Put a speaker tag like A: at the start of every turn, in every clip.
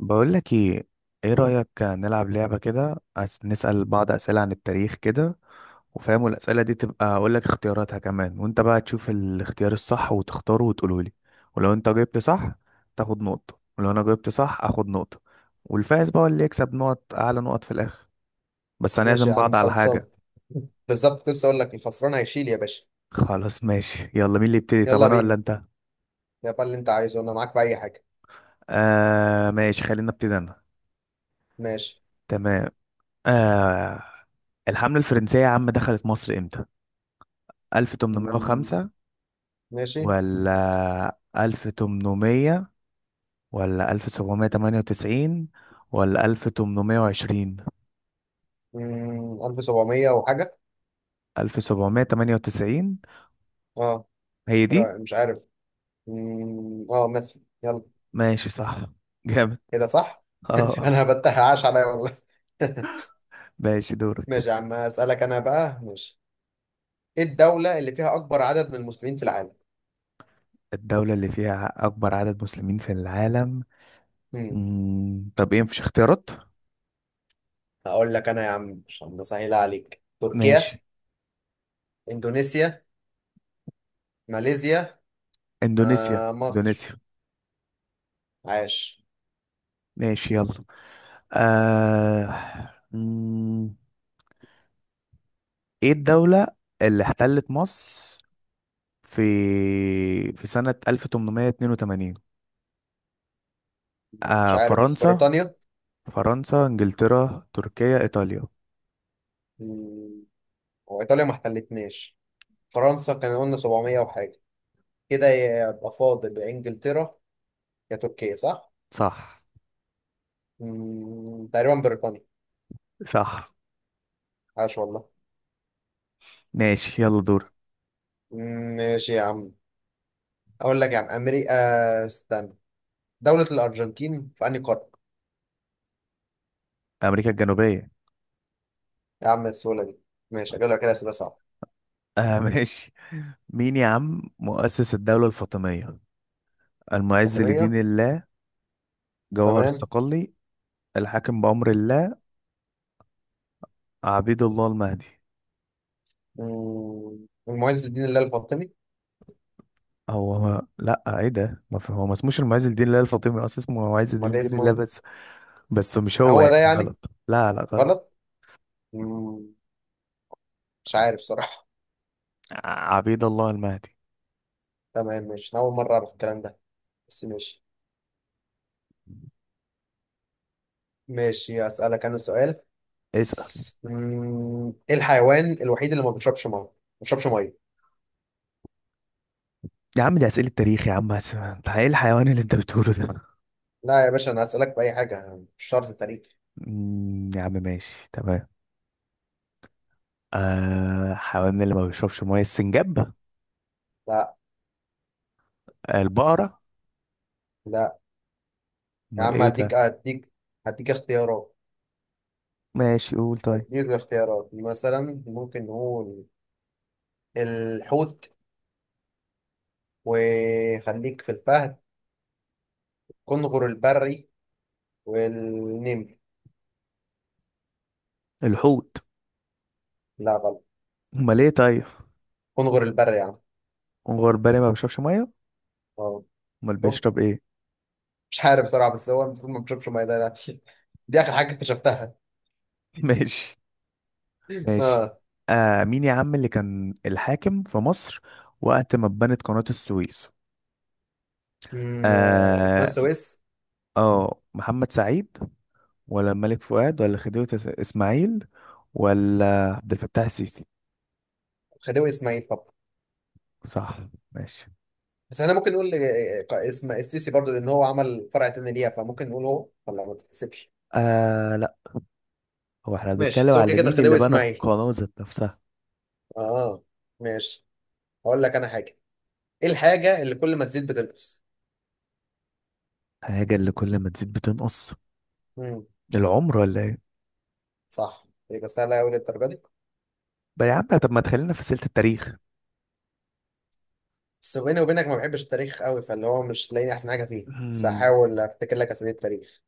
A: بقول لك ايه؟ ايه رأيك نلعب لعبة كده، نسأل بعض أسئلة عن التاريخ كده. وفاهم الأسئلة دي تبقى اقول لك اختياراتها كمان، وانت بقى تشوف الاختيار الصح وتختاره وتقوله لي. ولو انت جبت صح تاخد نقطة، ولو انا جبت صح اخد نقطة. والفائز بقى هو اللي يكسب نقط، اعلى نقط في الاخر. بس
B: ماشي
A: هنعزم
B: يا عم،
A: بعض على
B: خلصان.
A: حاجة.
B: بالظبط، لسه اقول لك الخسران هيشيل يا باشا.
A: خلاص ماشي يلا، مين اللي يبتدي؟ طب
B: يلا
A: انا ولا
B: بينا.
A: انت؟
B: يا بقى اللي انت عايزه انا معاك في اي حاجه.
A: آه ماشي، خلينا ابتدي انا.
B: ماشي.
A: تمام. آه، الحملة الفرنسية يا عم دخلت مصر امتى؟
B: مم،
A: 1805
B: ماشي.
A: ولا 1800 ولا 1798 ولا 1820؟
B: 1700 وحاجه.
A: 1798
B: اه.
A: هي دي.
B: مش عارف. مثلا يلا.
A: ماشي صح. جامد.
B: كده صح.
A: اه
B: انا هبتها، عاش عليا والله.
A: ماشي، دورك.
B: ماشي يا عم، اسالك انا بقى. ماشي، ايه الدوله اللي فيها اكبر عدد من المسلمين في العالم؟
A: الدولة اللي فيها أكبر عدد مسلمين في العالم.
B: مم.
A: مم. طب إيه، مفيش اختيارات؟
B: هقول لك انا يا عم عشان اسهل عليك: تركيا،
A: ماشي.
B: اندونيسيا، ماليزيا،
A: إندونيسيا.
B: آه، مصر.
A: إندونيسيا.
B: عاش.
A: ماشي يلا. آه. مم. إيه الدولة اللي احتلت مصر في سنة 1882؟
B: مش
A: آه،
B: عارف، بس
A: فرنسا؟
B: بريطانيا.
A: فرنسا، انجلترا، تركيا، ايطاليا.
B: مم، وإيطاليا ما احتلتناش، فرنسا كان قلنا 700 وحاجة، كده يبقى فاضل يا إنجلترا يا تركيا، صح؟
A: صح.
B: تقريبا بريطانيا.
A: صح.
B: عاش والله.
A: ماشي يلا دور.
B: ماشي يا عم. أقول لك يا عم، أمريكا. استنى. دولة الأرجنتين في أنهي قارة؟
A: امريكا الجنوبية.
B: يا عم السهولة دي! ماشي، أجيب لك كده أسئلة صعبة.
A: آه ماشي. مين يا عم مؤسس الدولة الفاطمية؟ المعز لدين
B: فاطمية.
A: الله، جوهر
B: تمام.
A: الصقلي، الحاكم بأمر الله، عبيد الله المهدي.
B: المعز الدين الله الفاطمي.
A: هو ما... لا ايه ده، ما في... هو ما اسموش المعز لدين الله الفاطمي اصلا، اسمه معز
B: أمال إيه
A: لدين
B: اسمه
A: الله
B: إيه؟
A: بس. بس مش هو
B: هو ده
A: يعني
B: يعني
A: غلط، لا لا غلط.
B: غلط؟ مم. مش عارف صراحة.
A: عبيد الله المهدي.
B: تمام ماشي، أنا أول مرة أعرف الكلام ده، بس ماشي. ماشي أسألك أنا سؤال.
A: اسأل.
B: إيه الحيوان الوحيد اللي ما بيشربش مية، ما بيشربش مية؟
A: يا عم دي أسئلة تاريخ يا عم، بس انت ايه الحيوان اللي انت بتقوله ده؟
B: لا يا باشا، أنا هسألك في أي حاجة، مش شرط تاريخ.
A: يا عم ماشي تمام. آه، الحيوان اللي ما بيشربش ميه، السنجاب؟
B: لا.
A: آه، البقرة؟
B: لا يا
A: امال
B: عم،
A: ايه
B: هديك
A: ده؟
B: هديك اختيارات.
A: ماشي قول طيب.
B: هديك اختيارات مثلا، ممكن نقول الحوت، وخليك في الفهد، كنغر البري، والنمر.
A: الحوت؟
B: لا، غلط.
A: امال ايه طيب؟
B: كنغر البري يا عم.
A: غربال ما بيشربش ميه؟
B: اه.
A: امال
B: شوف،
A: بيشرب ايه؟
B: مش عارف بصراحة، بس هو المفروض ما بيشربش مية ده، لا. دي آخر حاجة اكتشفتها.
A: ماشي. ماشي.
B: اه.
A: آه، مين يا عم اللي كان الحاكم في مصر وقت ما اتبنت قناة السويس؟
B: امم. قناه
A: اه.
B: السويس.
A: آه، محمد سعيد ولا الملك فؤاد ولا خديوي اسماعيل ولا عبد الفتاح السيسي؟
B: خديوي اسماعيل طب.
A: صح. ماشي.
B: بس احنا ممكن نقول آه، اسم السيسي برضو، لان هو عمل فرع تاني ليها، فممكن نقول هو، ولا ما تتحسبش.
A: آه لا، هو احنا
B: ماشي،
A: بنتكلم
B: بس هو كده
A: على
B: كده
A: مين اللي
B: خديوي
A: بنى
B: اسماعيل.
A: القناة ذات نفسها.
B: اه. ماشي. هقول لك انا حاجه. ايه الحاجه اللي كل ما تزيد بتنقص؟
A: حاجة اللي كل ما تزيد بتنقص.
B: امم.
A: العمر ولا ايه؟
B: صح، يبقى سهله قوي للدرجه دي.
A: بقى يا عم طب ما تخلينا في سلة التاريخ.
B: بس بيني وبينك ما بحبش التاريخ قوي، فاللي هو مش تلاقيني احسن حاجه فيه، بس
A: مم،
B: هحاول افتكر لك اسامي التاريخ.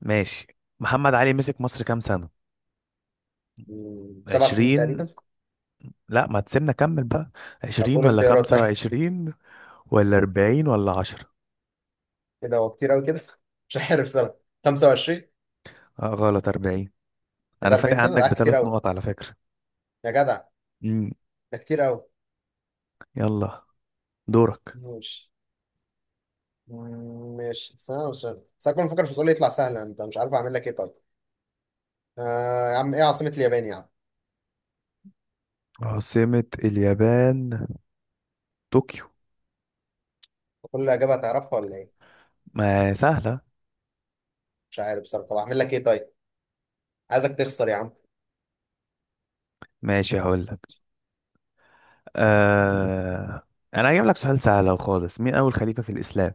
A: ماشي. محمد علي مسك مصر كام سنة؟
B: مم. سبع سنين
A: عشرين؟
B: تقريبا.
A: لا ما تسيبنا كمل بقى.
B: طب
A: عشرين
B: قول
A: ولا
B: اختيارات.
A: خمسة
B: طيب.
A: وعشرين ولا أربعين ولا عشرة؟
B: كده هو كتير قوي كده. مش عارف صراحه. 25.
A: آه غلط، أربعين.
B: ايه ده،
A: أنا فارق
B: 40 سنة
A: عنك
B: ده كتير
A: بثلاث
B: أوي.
A: نقط على فكرة.
B: يا جدع،
A: مم.
B: ده كتير أوي.
A: يلا دورك.
B: ماشي. ماشي سنة وسنة، بس أنا كنت مفكر في سؤال يطلع سهل، أنت مش عارف أعمل لك إيه طيب. آه يا عم، إيه عاصمة اليابان يا عم؟
A: عاصمة اليابان. طوكيو.
B: كل إجابة هتعرفها ولا إيه؟
A: ما سهلة.
B: مش عارف بصراحة، طب أعمل لك إيه طيب. عايزك تخسر يا عم.
A: ماشي هقول لك. آه... انا هجيب لك سؤال سهل أهو خالص، مين اول خليفة في الاسلام؟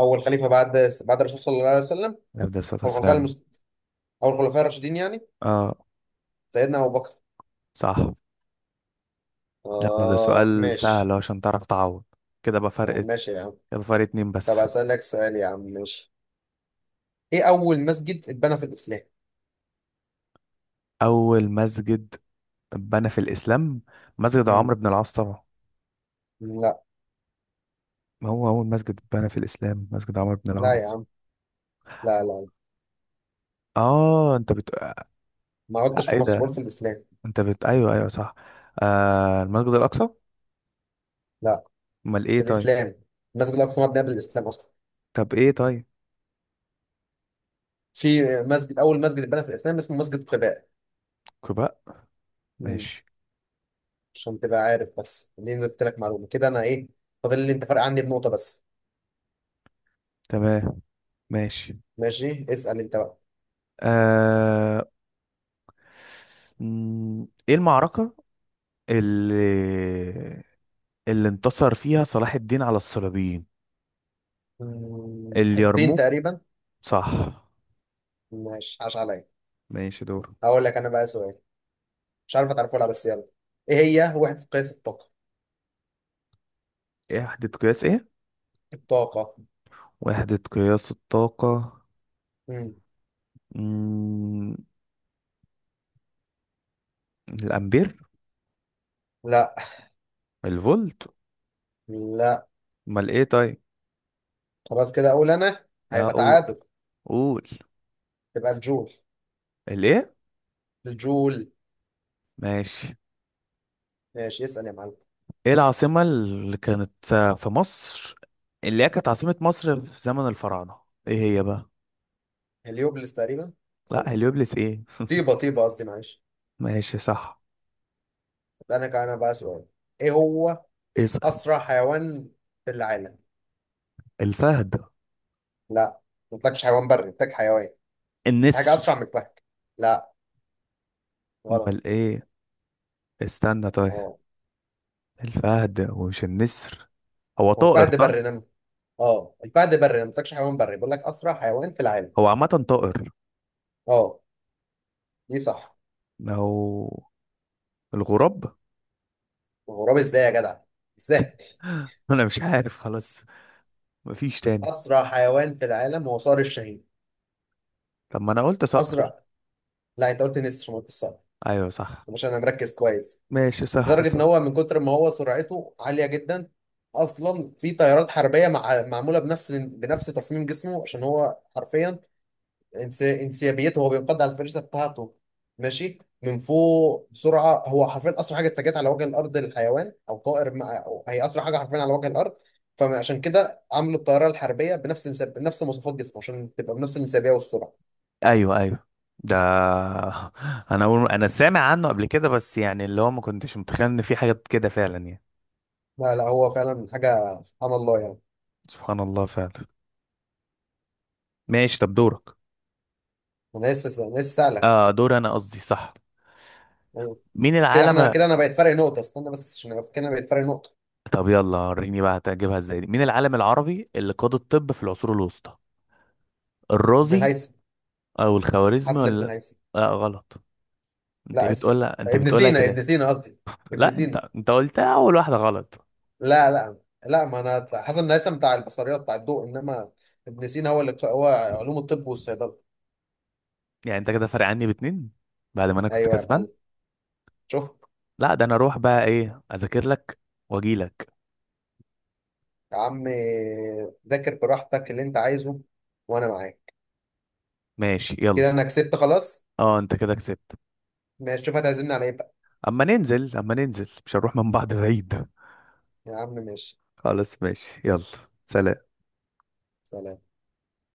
B: أول خليفة بعد، بعد الرسول صلى الله عليه وسلم
A: افضل الصلاة
B: والخلفاء
A: والسلام.
B: المست... أو الخلفاء الراشدين يعني.
A: اه.
B: سيدنا أبو بكر.
A: صح. يلا ده
B: آه
A: سؤال سهل
B: ماشي.
A: أهو عشان تعرف تعوض، كده بقى
B: آه
A: فرق.
B: ماشي يا عم.
A: يبقى فرق اتنين
B: طب
A: بس.
B: أسألك سؤال يا عم، ماشي. إيه أول مسجد اتبنى في الإسلام؟
A: اول مسجد اتبنى في الاسلام مسجد عمرو
B: مم.
A: بن العاص طبعا.
B: لا.
A: ما هو اول مسجد اتبنى في الاسلام مسجد عمرو بن
B: لا يا
A: العاص.
B: عم. لا لا.
A: اه انت بت.
B: ما عدتش
A: لا
B: في
A: ايه
B: مصر،
A: ده،
B: بقول في الاسلام.
A: انت بت ايوه ايوه صح. آه، المسجد الاقصى.
B: لا.
A: امال ايه
B: في
A: طيب؟
B: الاسلام المسجد الاقصى مبني قبل الاسلام اصلا.
A: طب ايه طيب؟
B: في مسجد، اول مسجد اتبنى في الاسلام اسمه مسجد قباء.
A: كوبا.
B: مم.
A: ماشي.
B: عشان تبقى عارف، بس دي قلت لك معلومه كده. انا ايه؟ فاضل لي انت فرق عني بنقطه بس.
A: تمام. ماشي.
B: ماشي، اسال انت بقى.
A: آه... مم، ايه المعركة اللي اللي انتصر فيها صلاح الدين على الصليبيين؟
B: مم. حطين
A: اليرموك.
B: تقريبا.
A: صح.
B: ماشي عاش عليا.
A: ماشي دور.
B: هقول لك انا بقى سؤال، مش عارف هتعرفه ولا لا، بس يلا. ايه هي وحده قياس الطاقه؟
A: ايه وحدة قياس ايه؟
B: الطاقه.
A: وحدة قياس الطاقة.
B: مم.
A: مم... الامبير؟
B: لا.
A: الفولت؟
B: لا.
A: امال ايه طيب؟
B: خلاص كده اقول انا،
A: اقول.
B: هيبقى
A: قول
B: تعادل.
A: قول.
B: تبقى الجول.
A: الايه؟
B: الجول.
A: ماشي.
B: ماشي اسال يا معلم.
A: ايه العاصمة اللي كانت في مصر، اللي هي كانت عاصمة مصر في زمن الفراعنة، ايه هي بقى؟
B: هليوبلس تقريبا.
A: لا
B: او
A: هليوبلس ايه.
B: طيبه، طيبه قصدي، معلش.
A: ماشي صح.
B: انا كان، انا بقى سؤال. ايه هو
A: اسأل.
B: اسرع حيوان في العالم؟
A: الفهد.
B: لا، ما قلتلكش حيوان بري، قلتلك حيوان. حاجه
A: النسر.
B: اسرع من الفهد. لا، غلط.
A: امال ايه، استنى طيب.
B: اه.
A: الفهد ومش النسر هو
B: هو
A: طائر
B: الفهد بري
A: صح.
B: نمر. اه، الفهد بري، أنا ما قلتلكش حيوان بري، بقول لك اسرع حيوان في العالم.
A: هو عامة طائر.
B: اه. دي صح.
A: ما هو. الغراب.
B: غراب ازاي يا جدع؟ ازاي؟
A: انا مش عارف خلاص. مفيش تاني.
B: اسرع حيوان في العالم هو صقر الشاهين.
A: طب ما انا قلت صقر.
B: اسرع. لا انت قلت نسر، ما قلتش صقر.
A: ايوه صح.
B: مش انا مركز كويس.
A: ماشي صح
B: لدرجه ان
A: صح.
B: هو من كتر ما هو سرعته عاليه جدا، اصلا في طيارات حربيه معموله بنفس تصميم جسمه عشان هو حرفيا انسيابيته، هو بينقض على الفريسه بتاعته ماشي من فوق بسرعه. هو حرفيا اسرع حاجه اتسجلت على وجه الارض للحيوان او طائر أو هي اسرع حاجه حرفيا على وجه الارض. فعشان كده عملوا الطياره الحربيه بنفس بنفس مواصفات جسمه عشان تبقى بنفس الانسيابيه والسرعه.
A: ايوه ايوه ده. انا سامع عنه قبل كده، بس يعني اللي هو ما كنتش متخيل ان في حاجات كده فعلا يعني.
B: لا لا، هو فعلا حاجه، سبحان الله يعني.
A: سبحان الله فعلا. ماشي طب دورك.
B: انا لسه سالك.
A: اه دور انا قصدي صح. مين
B: كده احنا،
A: العالم.
B: كده انا بقيت فرق نقطه. استنى بس عشان ابقى فاكر، انا بقيت فرق نقطه.
A: طب يلا وريني بقى هتجيبها ازاي دي، مين العالم العربي اللي قاد الطب في العصور الوسطى؟
B: ابن
A: الرازي
B: الهيثم.
A: او الخوارزمي
B: حسن ابن
A: ولا؟
B: الهيثم.
A: لا غلط. انت
B: لا است
A: بتقولها انت
B: ابن
A: بتقولها
B: سينا، ابن
A: كده.
B: سينا قصدي ابن
A: لا انت
B: سينا.
A: انت قلتها اول واحدة غلط.
B: لا لا. لا، ما انا هطلع. حسن الهيثم بتاع البصريات، بتاع الضوء، انما ابن سينا هو اللي هو علوم الطب والصيدله.
A: يعني انت كده فارق عني باتنين، بعد ما انا كنت
B: ايوه يا
A: كسبان.
B: معلم، شفت.
A: لا ده انا اروح بقى ايه اذاكر لك واجي لك.
B: يا عم ذاكر براحتك اللي انت عايزه، وانا معاك.
A: ماشي يلا.
B: كده انا كسبت خلاص.
A: اه انت كده كسبت.
B: ماشي، شوف هتعزمني على ايه بقى.
A: اما ننزل اما ننزل مش هنروح من بعض بعيد.
B: يا عم ماشي.
A: خلاص ماشي يلا. سلام.